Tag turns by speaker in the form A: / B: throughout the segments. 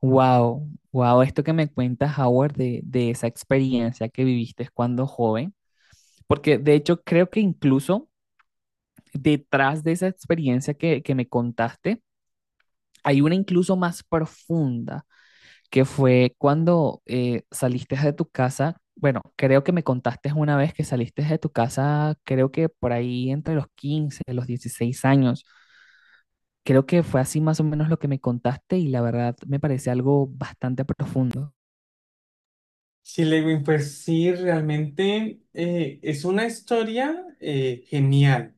A: Wow, wow, esto que me cuentas, Howard, de esa experiencia que viviste cuando joven, porque de hecho creo que incluso detrás de esa experiencia que me contaste, hay una incluso más profunda, que fue cuando saliste de tu casa. Bueno, creo que me contaste una vez que saliste de tu casa, creo que por ahí entre los 15, los 16 años, creo que fue así más o menos lo que me contaste y la verdad me parece algo bastante profundo.
B: Sí, Lewin, pues sí, realmente es una historia genial.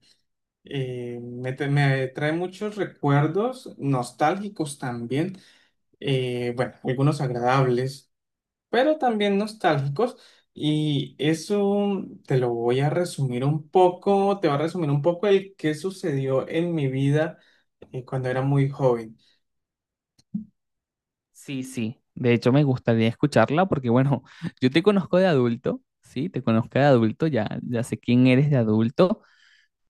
B: Me trae muchos recuerdos nostálgicos también, bueno, algunos agradables, pero también nostálgicos. Y eso te lo voy a resumir un poco, te va a resumir un poco el que sucedió en mi vida cuando era muy joven.
A: Sí, sí. De hecho, me gustaría escucharla porque, bueno, yo te conozco de adulto, ¿sí? Te conozco de adulto, ya, ya sé quién eres de adulto,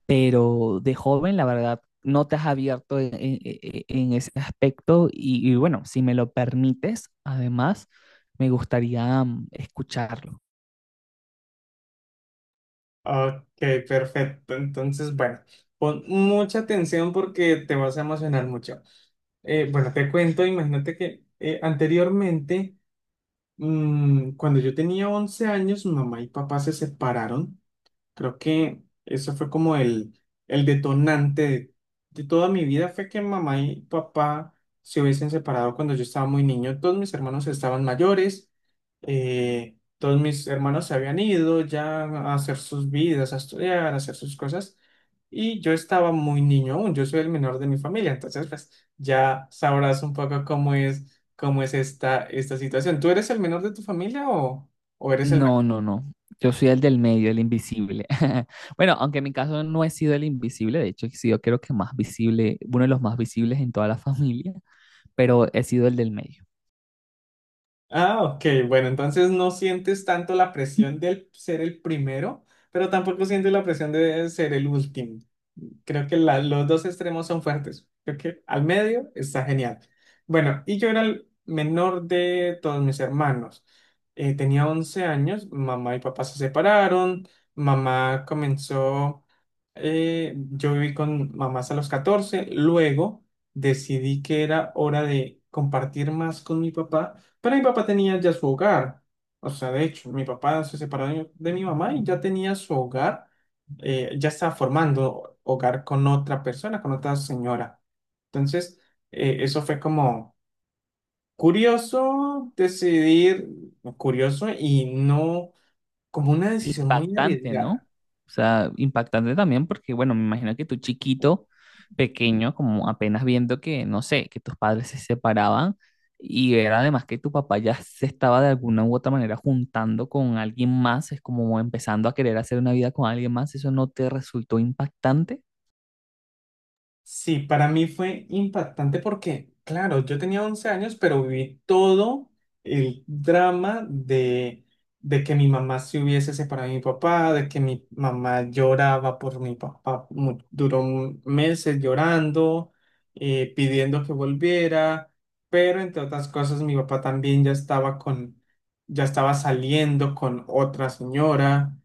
A: pero de joven, la verdad, no te has abierto en ese aspecto y, bueno, si me lo permites, además, me gustaría escucharlo.
B: Ok, perfecto. Entonces, bueno, pon mucha atención porque te vas a emocionar mucho. Bueno, te cuento, imagínate que anteriormente, cuando yo tenía 11 años, mamá y papá se separaron. Creo que eso fue como el detonante de toda mi vida, fue que mamá y papá se hubiesen separado cuando yo estaba muy niño. Todos mis hermanos estaban mayores, todos mis hermanos se habían ido ya a hacer sus vidas, a estudiar, a hacer sus cosas, y yo estaba muy niño aún, yo soy el menor de mi familia, entonces pues ya sabrás un poco cómo es esta situación. ¿Tú eres el menor de tu familia o eres el...
A: No, no, no. Yo soy el del medio, el invisible. Bueno, aunque en mi caso no he sido el invisible, de hecho, he sido creo que más visible, uno de los más visibles en toda la familia, pero he sido el del medio.
B: Ah, ok, bueno, entonces no sientes tanto la presión del ser el primero, pero tampoco sientes la presión de ser el último. Creo que los dos extremos son fuertes. Creo que al medio está genial. Bueno, y yo era el menor de todos mis hermanos. Tenía 11 años, mamá y papá se separaron, mamá comenzó... Yo viví con mamás a los catorce, luego decidí que era hora de compartir más con mi papá, pero mi papá tenía ya su hogar. O sea, de hecho, mi papá se separó de mi mamá y ya tenía su hogar, ya estaba formando hogar con otra persona, con otra señora. Entonces, eso fue como curioso decidir, curioso y no como una decisión muy
A: Impactante, ¿no?
B: arriesgada.
A: O sea, impactante también porque, bueno, me imagino que tú chiquito, pequeño, como apenas viendo que, no sé, que tus padres se separaban y era además que tu papá ya se estaba de alguna u otra manera juntando con alguien más, es como empezando a querer hacer una vida con alguien más. ¿Eso no te resultó impactante?
B: Sí, para mí fue impactante porque, claro, yo tenía 11 años, pero viví todo el drama de que mi mamá se hubiese separado de mi papá, de que mi mamá lloraba por mi papá, duró meses llorando, pidiendo que volviera, pero entre otras cosas mi papá también ya estaba ya estaba saliendo con otra señora,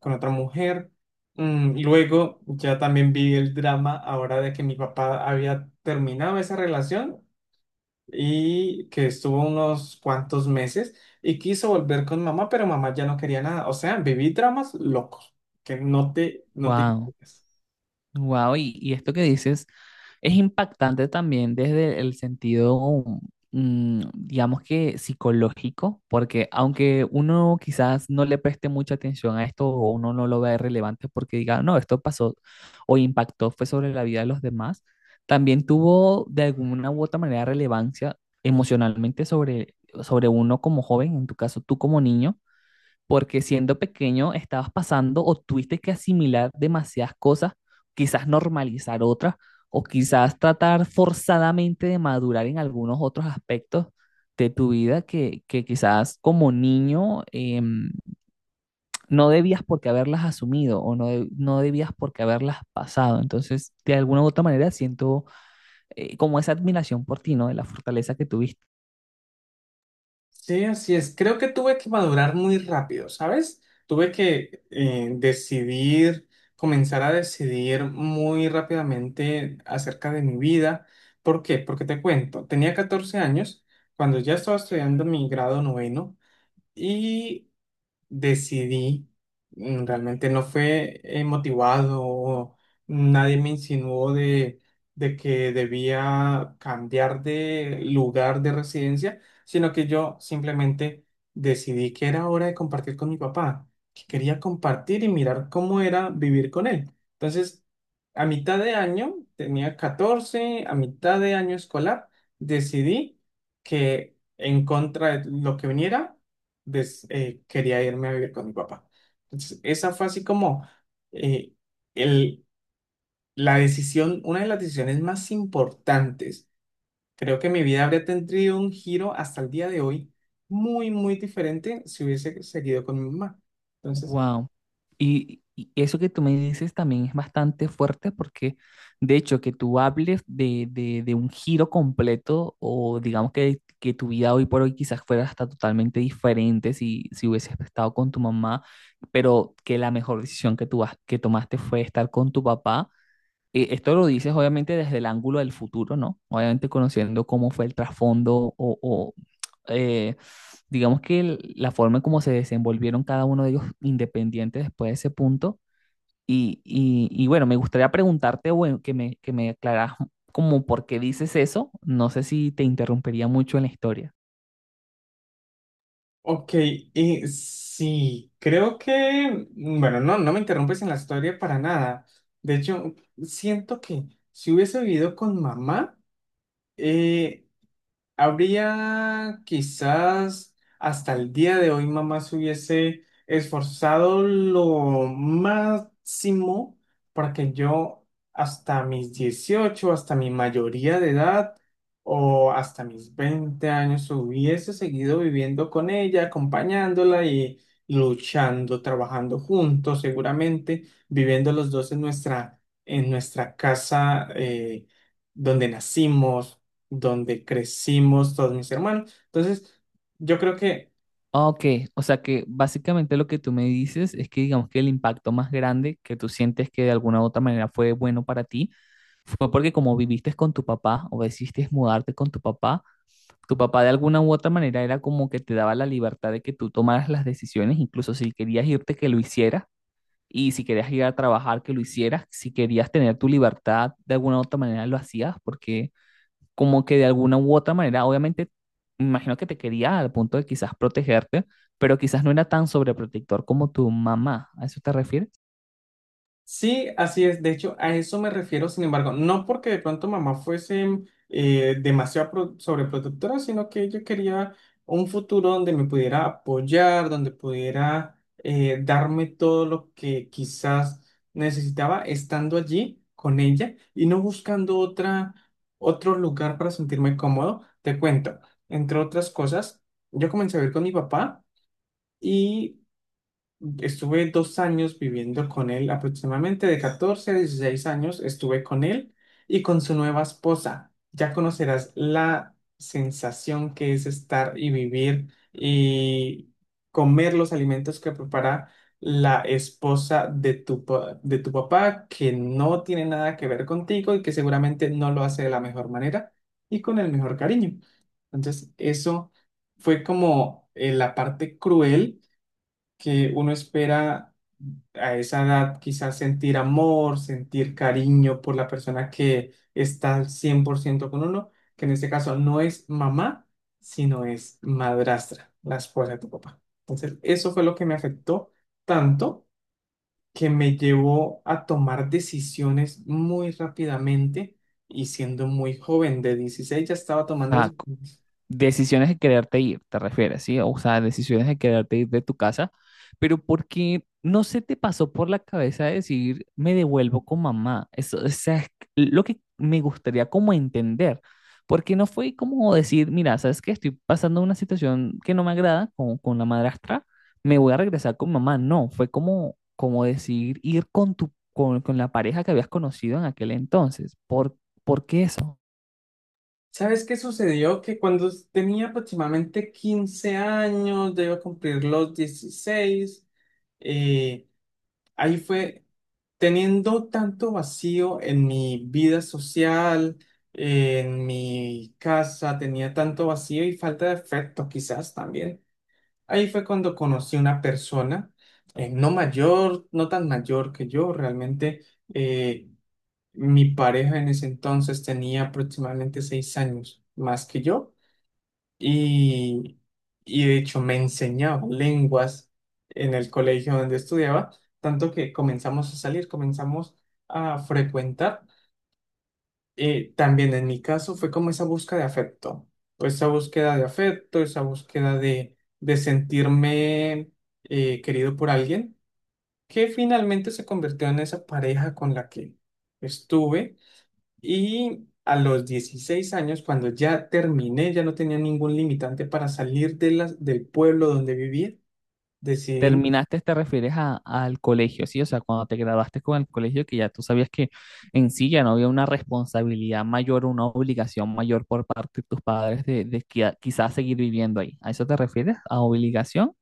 B: con otra mujer. Mm, luego ya también vi el drama ahora de que mi papá había terminado esa relación y que estuvo unos cuantos meses y quiso volver con mamá, pero mamá ya no quería nada. O sea, viví dramas locos, que no te...
A: Wow.
B: imaginas.
A: Wow, y esto que dices es impactante también desde el sentido, mm, digamos que psicológico, porque aunque uno quizás no le preste mucha atención a esto o uno no lo vea relevante porque diga, no, esto pasó o impactó, fue sobre la vida de los demás, también tuvo de alguna u otra manera relevancia emocionalmente sobre, sobre uno como joven, en tu caso tú como niño, porque siendo pequeño estabas pasando o tuviste que asimilar demasiadas cosas, quizás normalizar otras, o quizás tratar forzadamente de madurar en algunos otros aspectos de tu vida que quizás como niño no debías por qué haberlas asumido o no, de- no debías por qué haberlas pasado. Entonces, de alguna u otra manera siento como esa admiración por ti, ¿no? De la fortaleza que tuviste.
B: Sí, así es. Creo que tuve que madurar muy rápido, ¿sabes? Tuve que decidir, comenzar a decidir muy rápidamente acerca de mi vida. ¿Por qué? Porque te cuento, tenía 14 años cuando ya estaba estudiando mi grado noveno y decidí, realmente no fue motivado, o nadie me insinuó de que debía cambiar de lugar de residencia, sino que yo simplemente decidí que era hora de compartir con mi papá, que quería compartir y mirar cómo era vivir con él. Entonces, a mitad de año, tenía 14 a mitad de año escolar, decidí que en contra de lo que viniera, quería irme a vivir con mi papá. Entonces, esa fue así como eh, el, la decisión, una de las decisiones más importantes. Creo que mi vida habría tenido un giro hasta el día de hoy muy, muy diferente si hubiese seguido con mi mamá. Entonces,
A: Wow. Y eso que tú me dices también es bastante fuerte porque, de hecho, que tú hables de un giro completo o digamos que tu vida hoy por hoy quizás fuera hasta totalmente diferente si, si hubieses estado con tu mamá, pero que la mejor decisión que tú has- que tomaste fue estar con tu papá, esto lo dices obviamente desde el ángulo del futuro, ¿no? Obviamente conociendo cómo fue el trasfondo o, eh, digamos que el- la forma en cómo se desenvolvieron cada uno de ellos independientes después de ese punto. Y bueno, me gustaría preguntarte, bueno, que me aclaras como por qué dices eso. No sé si te interrumpería mucho en la historia.
B: ok, y sí, creo que, bueno, no, no me interrumpes en la historia para nada. De hecho, siento que si hubiese vivido con mamá, eh, habría quizás hasta el día de hoy mamá se hubiese esforzado lo máximo para que yo hasta mis 18, hasta mi mayoría de edad o hasta mis 20 años hubiese seguido viviendo con ella, acompañándola y luchando, trabajando juntos, seguramente viviendo los dos en en nuestra casa donde nacimos, donde crecimos todos mis hermanos. Entonces, yo creo que
A: Ah, ok, o sea que básicamente lo que tú me dices es que digamos que el impacto más grande que tú sientes que de alguna u otra manera fue bueno para ti fue porque como viviste con tu papá o decidiste mudarte con tu papá de alguna u otra manera era como que te daba la libertad de que tú tomaras las decisiones, incluso si querías irte, que lo hicieras, y si querías ir a trabajar, que lo hicieras, si querías tener tu libertad, de alguna u otra manera lo hacías, porque como que de alguna u otra manera, obviamente, me imagino que te quería al punto de quizás protegerte, pero quizás no era tan sobreprotector como tu mamá. ¿A eso te refieres?
B: sí, así es. De hecho, a eso me refiero, sin embargo, no porque de pronto mamá fuese sobreprotectora, sino que yo quería un futuro donde me pudiera apoyar, donde pudiera darme todo lo que quizás necesitaba estando allí con ella y no buscando otra, otro lugar para sentirme cómodo. Te cuento, entre otras cosas, yo comencé a vivir con mi papá. Y estuve dos años viviendo con él, aproximadamente de 14 a 16 años estuve con él y con su nueva esposa. Ya conocerás la sensación que es estar y vivir y comer los alimentos que prepara la esposa de de tu papá, que no tiene nada que ver contigo y que seguramente no lo hace de la mejor manera y con el mejor cariño. Entonces, eso fue como la parte cruel que uno espera a esa edad quizás sentir amor, sentir cariño por la persona que está al 100% con uno, que en este caso no es mamá, sino es madrastra, la esposa de tu papá. Entonces, eso fue lo que me afectó tanto que me llevó a tomar decisiones muy rápidamente y siendo muy joven, de 16 ya estaba
A: O
B: tomando
A: sea,
B: decisiones.
A: decisiones de quererte ir, te refieres, ¿sí? O sea, decisiones de quererte ir de tu casa, pero porque no se te pasó por la cabeza decir, me devuelvo con mamá. Eso, o sea, es lo que me gustaría como entender, porque no fue como decir, mira, sabes que estoy pasando una situación que no me agrada con la madrastra, me voy a regresar con mamá. No, fue como, como decir ir con tu, con la pareja que habías conocido en aquel entonces. Por qué eso?
B: ¿Sabes qué sucedió? Que cuando tenía aproximadamente 15 años, ya iba a cumplir los dieciséis, eh, ahí fue teniendo tanto vacío en mi vida social, en mi casa, tenía tanto vacío y falta de afecto quizás también. Ahí fue cuando conocí una persona, no mayor, no tan mayor que yo, realmente, eh, mi pareja en ese entonces tenía aproximadamente 6 años más que yo y, y de hecho me enseñaba lenguas en el colegio donde estudiaba, tanto que comenzamos a salir, comenzamos a frecuentar. También en mi caso fue como esa búsqueda de afecto, pues esa búsqueda de afecto, esa búsqueda de sentirme querido por alguien, que finalmente se convirtió en esa pareja con la que estuve, y a los 16 años, cuando ya terminé, ya no tenía ningún limitante para salir de del pueblo donde vivía, decidí,
A: Terminaste, te refieres a- al colegio, ¿sí? O sea, cuando te graduaste con el colegio, que ya tú sabías que en sí ya no había una responsabilidad mayor, una obligación mayor por parte de tus padres de qui- quizás seguir viviendo ahí. ¿A eso te refieres? ¿A obligación?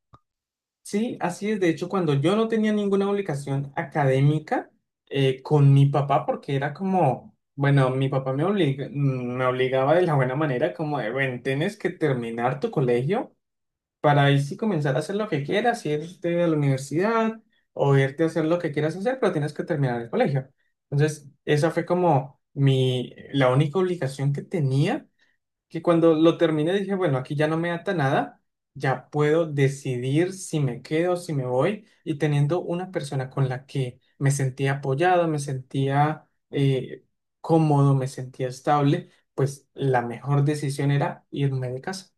B: sí, así es, de hecho, cuando yo no tenía ninguna obligación académica con mi papá, porque era como, bueno, mi papá me obliga, me obligaba de la buena manera, como de, bueno, tienes que terminar tu colegio para ahí sí comenzar a hacer lo que quieras, irte a la universidad o irte a hacer lo que quieras hacer, pero tienes que terminar el colegio. Entonces, esa fue como la única obligación que tenía, que cuando lo terminé dije, bueno, aquí ya no me ata nada, ya puedo decidir si me quedo, si me voy, y teniendo una persona con la que me sentía apoyado, me sentía cómodo, me sentía estable, pues la mejor decisión era irme de casa.